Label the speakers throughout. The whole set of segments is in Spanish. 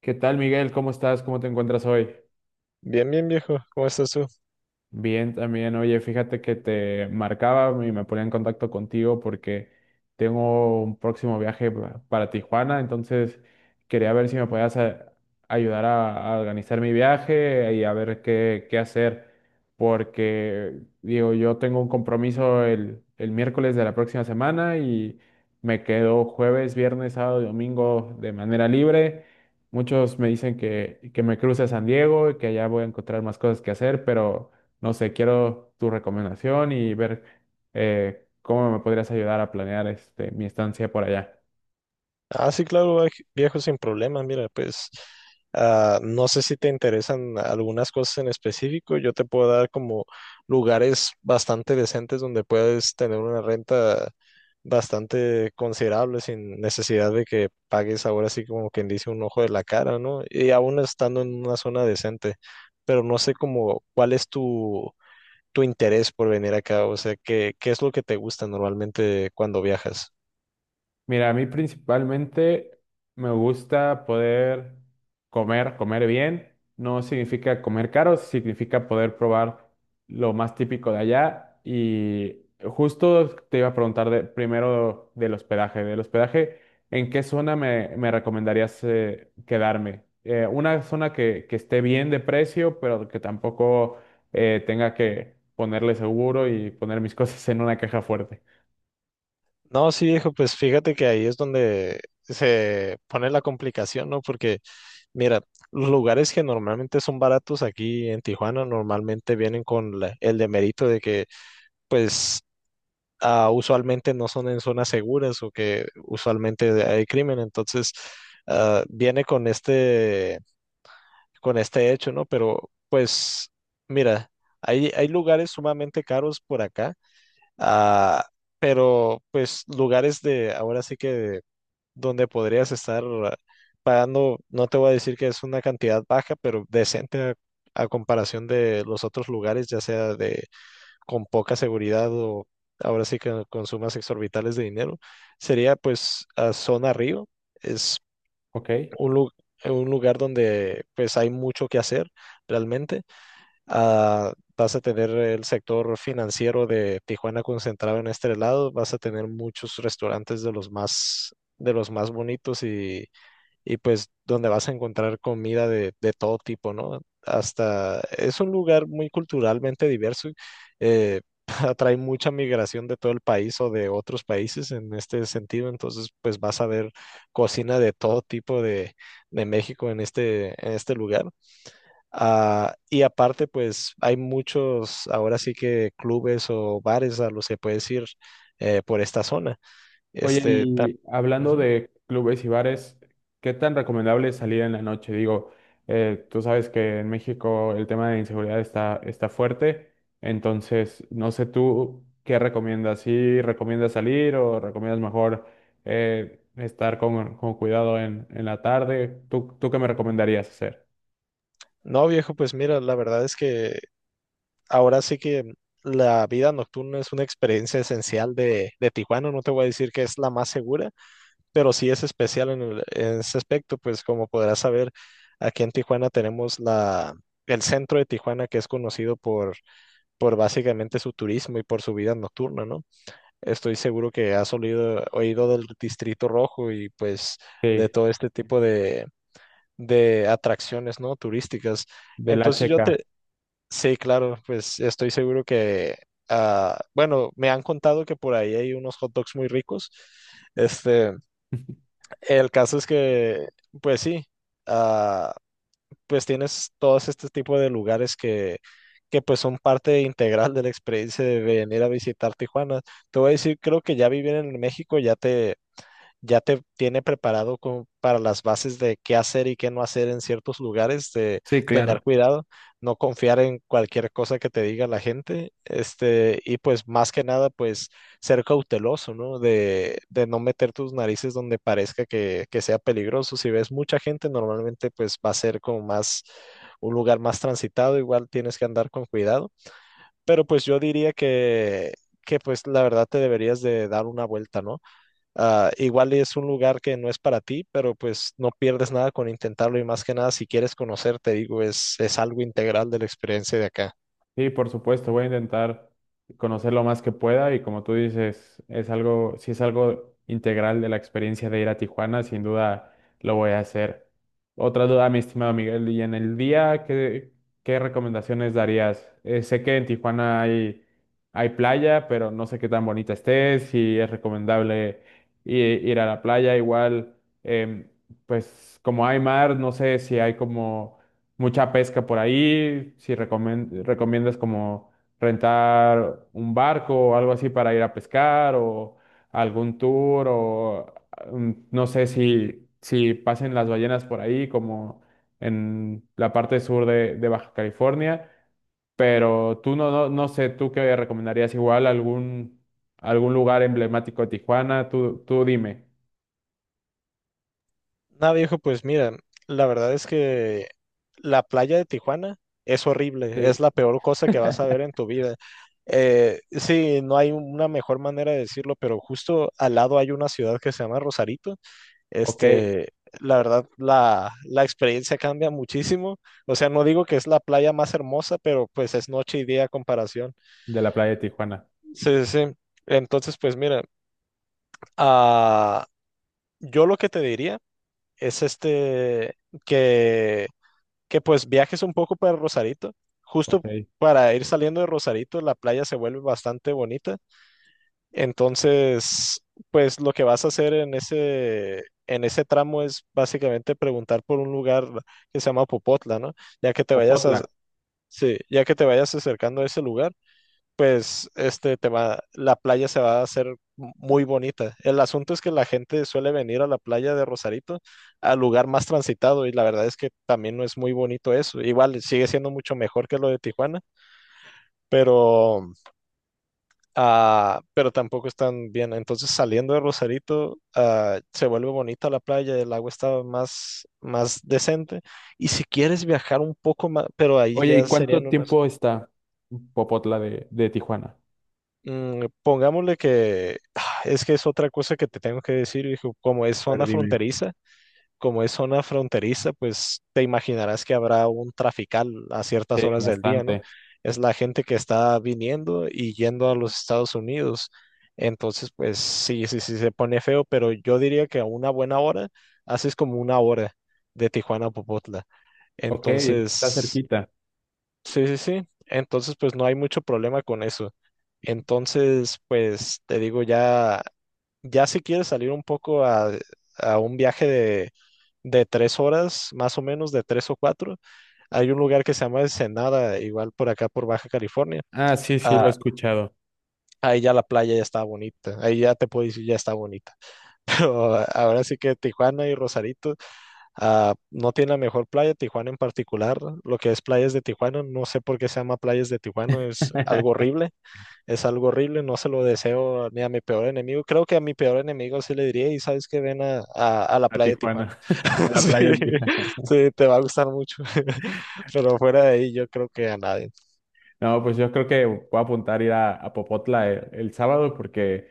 Speaker 1: ¿Qué tal, Miguel? ¿Cómo estás? ¿Cómo te encuentras hoy?
Speaker 2: Bien, bien, viejo. ¿Cómo estás tú?
Speaker 1: Bien, también, oye, fíjate que te marcaba y me ponía en contacto contigo porque tengo un próximo viaje para Tijuana, entonces quería ver si me podías ayudar a organizar mi viaje y a ver qué hacer, porque digo, yo tengo un compromiso el miércoles de la próxima semana y me quedo jueves, viernes, sábado y domingo de manera libre. Muchos me dicen que me cruce a San Diego y que allá voy a encontrar más cosas que hacer, pero no sé, quiero tu recomendación y ver cómo me podrías ayudar a planear este, mi estancia por allá.
Speaker 2: Sí, claro, viejo, sin problema. Mira, pues no sé si te interesan algunas cosas en específico. Yo te puedo dar como lugares bastante decentes donde puedes tener una renta bastante considerable sin necesidad de que pagues ahora sí como quien dice un ojo de la cara, ¿no? Y aún estando en una zona decente. Pero no sé como cuál es tu interés por venir acá. O sea, qué es lo que te gusta normalmente cuando viajas?
Speaker 1: Mira, a mí principalmente me gusta poder comer, comer bien. No significa comer caro, significa poder probar lo más típico de allá. Y justo te iba a preguntar primero del hospedaje. Del hospedaje, ¿en qué zona me recomendarías quedarme? Una zona que esté bien de precio, pero que tampoco tenga que ponerle seguro y poner mis cosas en una caja fuerte.
Speaker 2: No, sí, viejo, pues fíjate que ahí es donde se pone la complicación, ¿no? Porque, mira, los lugares que normalmente son baratos aquí en Tijuana normalmente vienen con el demerito de que, pues, usualmente no son en zonas seguras o que usualmente hay crimen, entonces, viene con con este hecho, ¿no? Pero, pues, mira, hay lugares sumamente caros por acá, ah, pero, pues, lugares de, ahora sí que donde podrías estar pagando, no te voy a decir que es una cantidad baja, pero decente a comparación de los otros lugares, ya sea de con poca seguridad o ahora sí que con sumas exorbitales de dinero, sería pues a Zona Río, es
Speaker 1: ¿Ok?
Speaker 2: un, lu- un lugar donde pues hay mucho que hacer realmente. Ah, vas a tener el sector financiero de Tijuana concentrado en este lado, vas a tener muchos restaurantes de los más bonitos y pues donde vas a encontrar comida de todo tipo, ¿no? Hasta es un lugar muy culturalmente diverso, eh, atrae mucha migración de todo el país o de otros países en este sentido, entonces pues vas a ver cocina de todo tipo de México en en este lugar. Ah, y aparte pues hay muchos ahora sí que clubes o bares a los que puedes ir por esta zona.
Speaker 1: Oye,
Speaker 2: Este, ta-
Speaker 1: y hablando
Speaker 2: Ujú.
Speaker 1: de clubes y bares, ¿qué tan recomendable es salir en la noche? Digo, tú sabes que en México el tema de inseguridad está fuerte, entonces no sé tú qué recomiendas, si recomiendas salir o recomiendas mejor estar con cuidado en la tarde, ¿ tú qué me recomendarías hacer?
Speaker 2: No, viejo, pues mira, la verdad es que ahora sí que la vida nocturna es una experiencia esencial de Tijuana. No te voy a decir que es la más segura, pero sí es especial en, en ese aspecto, pues como podrás saber, aquí en Tijuana tenemos el centro de Tijuana que es conocido por básicamente su turismo y por su vida nocturna, ¿no? Estoy seguro que has oído del Distrito Rojo y pues de
Speaker 1: Sí,
Speaker 2: todo este tipo de atracciones, ¿no? Turísticas.
Speaker 1: de la
Speaker 2: Entonces yo
Speaker 1: checa.
Speaker 2: te, Sí, claro, pues estoy seguro que, bueno, me han contado que por ahí hay unos hot dogs muy ricos. Este, el caso es que, pues sí, ah, pues tienes todos este tipo de lugares que pues son parte integral de la experiencia de venir a visitar Tijuana. Te voy a decir, creo que ya vivir en México ya ya te tiene preparado como para las bases de qué hacer y qué no hacer en ciertos lugares, de
Speaker 1: Sí,
Speaker 2: tener
Speaker 1: claro.
Speaker 2: cuidado, no confiar en cualquier cosa que te diga la gente, este, y pues más que nada, pues ser cauteloso, ¿no? De no meter tus narices donde parezca que sea peligroso. Si ves mucha gente, normalmente pues va a ser como más un lugar más transitado, igual tienes que andar con cuidado, pero pues yo diría que pues la verdad te deberías de dar una vuelta, ¿no? Ah, igual es un lugar que no es para ti, pero pues no pierdes nada con intentarlo y más que nada si quieres conocer, te digo, es algo integral de la experiencia de acá.
Speaker 1: Sí, por supuesto, voy a intentar conocer lo más que pueda y como tú dices, es algo, si es algo integral de la experiencia de ir a Tijuana, sin duda lo voy a hacer. Otra duda, mi estimado Miguel, y en el día, ¿ qué recomendaciones darías? Sé que en Tijuana hay playa, pero no sé qué tan bonita esté, si es recomendable i- ir a la playa, igual, em, pues como hay mar, no sé si hay como mucha pesca por ahí, si recomiendas como rentar un barco o algo así para ir a pescar o algún tour o no sé si pasen las ballenas por ahí como en la parte sur de Baja California, pero tú no sé, tú qué recomendarías igual algún lugar emblemático de Tijuana, tú dime.
Speaker 2: Nada, viejo, pues mira, la verdad es que la playa de Tijuana es horrible, es
Speaker 1: Sí.
Speaker 2: la peor cosa que vas a ver en tu vida. Sí, no hay una mejor manera de decirlo, pero justo al lado hay una ciudad que se llama Rosarito.
Speaker 1: Ok, de
Speaker 2: Este, la verdad, la experiencia cambia muchísimo. O sea, no digo que es la playa más hermosa, pero pues es noche y día a comparación.
Speaker 1: la playa de Tijuana.
Speaker 2: Sí, sí, sí. Entonces, pues mira, ah, yo lo que te diría es que, que pues viajes un poco para Rosarito.
Speaker 1: Ok.
Speaker 2: Justo para ir saliendo de Rosarito, la playa se vuelve bastante bonita. Entonces, pues lo que vas a hacer en en ese tramo es básicamente preguntar por un lugar que se llama Popotla, ¿no? Ya que te vayas a,
Speaker 1: Opotla.
Speaker 2: sí, ya que te vayas acercando a ese lugar, pues este te va, la playa se va a hacer muy bonita. El asunto es que la gente suele venir a la playa de Rosarito, al lugar más transitado, y la verdad es que también no es muy bonito eso. Igual sigue siendo mucho mejor que lo de Tijuana, pero Ah, pero tampoco están bien. Entonces, saliendo de Rosarito, se vuelve bonita la playa, el agua está más decente. Y si quieres viajar un poco más, pero ahí
Speaker 1: Oye, ¿y
Speaker 2: ya
Speaker 1: cuánto
Speaker 2: serían unas.
Speaker 1: tiempo está Popotla de Tijuana?
Speaker 2: Pongámosle que es que es otra cosa que te tengo que decir, hijo, como es
Speaker 1: A ver,
Speaker 2: zona
Speaker 1: dime.
Speaker 2: fronteriza, como es zona fronteriza, pues te imaginarás que habrá un trafical a ciertas
Speaker 1: Sí,
Speaker 2: horas del día, ¿no?
Speaker 1: bastante.
Speaker 2: Es la gente que está viniendo y yendo a los Estados Unidos. Entonces, pues sí, sí, sí se pone feo, pero yo diría que a una buena hora haces como una hora de Tijuana a Popotla.
Speaker 1: Ok, está
Speaker 2: Entonces,
Speaker 1: cerquita.
Speaker 2: sí, sí, sí. Entonces, pues no hay mucho problema con eso. Entonces, pues te digo ya si quieres salir un poco a un viaje de tres horas, más o menos, de tres o cuatro, hay un lugar que se llama Ensenada, igual por acá por Baja California.
Speaker 1: Ah, sí, sí, lo he
Speaker 2: Ah,
Speaker 1: escuchado.
Speaker 2: ahí ya la playa ya está bonita, ahí ya te puedo decir ya está bonita. Pero ahora sí que Tijuana y Rosarito no tiene la mejor playa, Tijuana en particular, lo que es playas de Tijuana, no sé por qué se llama playas de Tijuana, es algo horrible, no se lo deseo ni a mi peor enemigo. Creo que a mi peor enemigo sí le diría, y sabes que ven a la
Speaker 1: A
Speaker 2: playa de
Speaker 1: Tijuana,
Speaker 2: Tijuana.
Speaker 1: a la playa de
Speaker 2: Sí,
Speaker 1: Tijuana.
Speaker 2: sí, te va a gustar mucho. Pero fuera de ahí, yo creo que a nadie.
Speaker 1: No, pues yo creo que voy a apuntar a ir a Popotla el sábado porque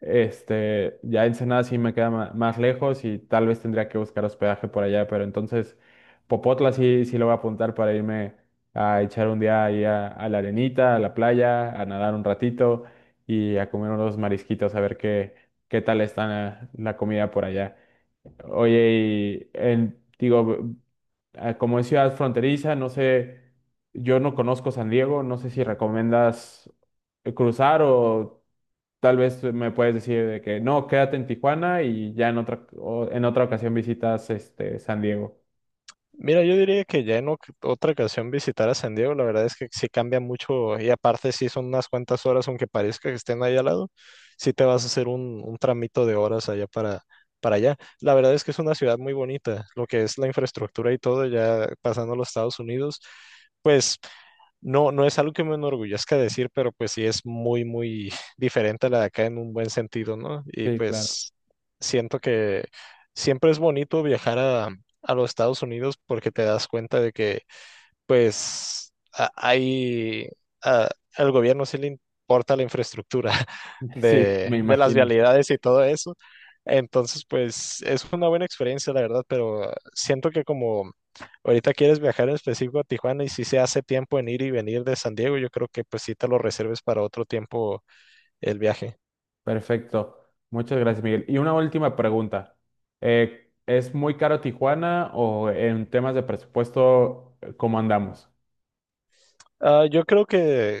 Speaker 1: este, ya Ensenada sí me queda más lejos y tal vez tendría que buscar hospedaje por allá, pero entonces Popotla sí, sí lo voy a apuntar para irme a echar un día ahí a la arenita, a la playa, a nadar un ratito y a comer unos marisquitos, a ver qué, qué tal está la comida por allá. Oye, digo, ah, como es ciudad fronteriza, no sé, yo no conozco San Diego, no sé si recomiendas cruzar o tal vez me puedes decir de que no, quédate en Tijuana y ya en otra, en otra ocasión visitas este San Diego.
Speaker 2: Mira, yo diría que ya en otra ocasión visitar a San Diego, la verdad es que sí cambia mucho y aparte sí son unas cuantas horas, aunque parezca que estén ahí al lado, sí te vas a hacer un tramito de horas allá para allá. La verdad es que es una ciudad muy bonita, lo que es la infraestructura y todo, ya pasando a los Estados Unidos, pues no es algo que me enorgullezca decir, pero pues sí es muy, muy diferente a la de acá en un buen sentido, ¿no? Y
Speaker 1: Sí, claro.
Speaker 2: pues siento que siempre es bonito viajar a los Estados Unidos porque te das cuenta de que, pues, a- al gobierno sí le importa la infraestructura
Speaker 1: Sí, me
Speaker 2: de las
Speaker 1: imagino.
Speaker 2: vialidades y todo eso. Entonces, pues, es una buena experiencia, la verdad, pero siento que como ahorita quieres viajar en específico a Tijuana y si se hace tiempo en ir y venir de San Diego, yo creo que pues sí te lo reserves para otro tiempo el viaje.
Speaker 1: Perfecto. Muchas gracias, Miguel. Y una última pregunta. ¿Es muy caro Tijuana o en temas de presupuesto, cómo andamos?
Speaker 2: Ah, yo creo que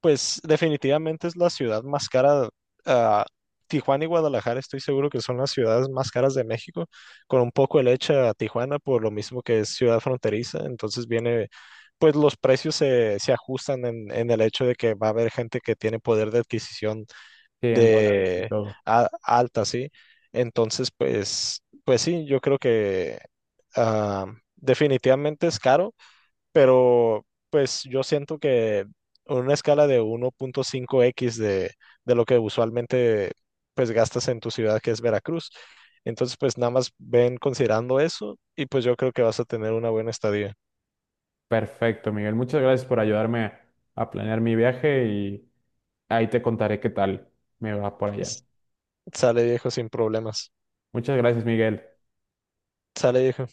Speaker 2: Pues definitivamente es la ciudad más cara. ah, Tijuana y Guadalajara estoy seguro que son las ciudades más caras de México, con un poco de leche a Tijuana por lo mismo que es ciudad fronteriza. Entonces viene, pues los precios se ajustan en el hecho de que va a haber gente que tiene poder de adquisición
Speaker 1: Sí, en dólares y
Speaker 2: de
Speaker 1: todo.
Speaker 2: alta, ¿sí? Entonces, pues, pues sí, yo creo que ah, definitivamente es caro pero pues yo siento que en una escala de 1.5x de lo que usualmente pues gastas en tu ciudad que es Veracruz. Entonces pues nada más ven considerando eso y pues yo creo que vas a tener una buena estadía.
Speaker 1: Perfecto, Miguel. Muchas gracias por ayudarme a planear mi viaje y ahí te contaré qué tal me va por allá.
Speaker 2: S- Sale viejo sin problemas.
Speaker 1: Muchas gracias, Miguel.
Speaker 2: Sale viejo.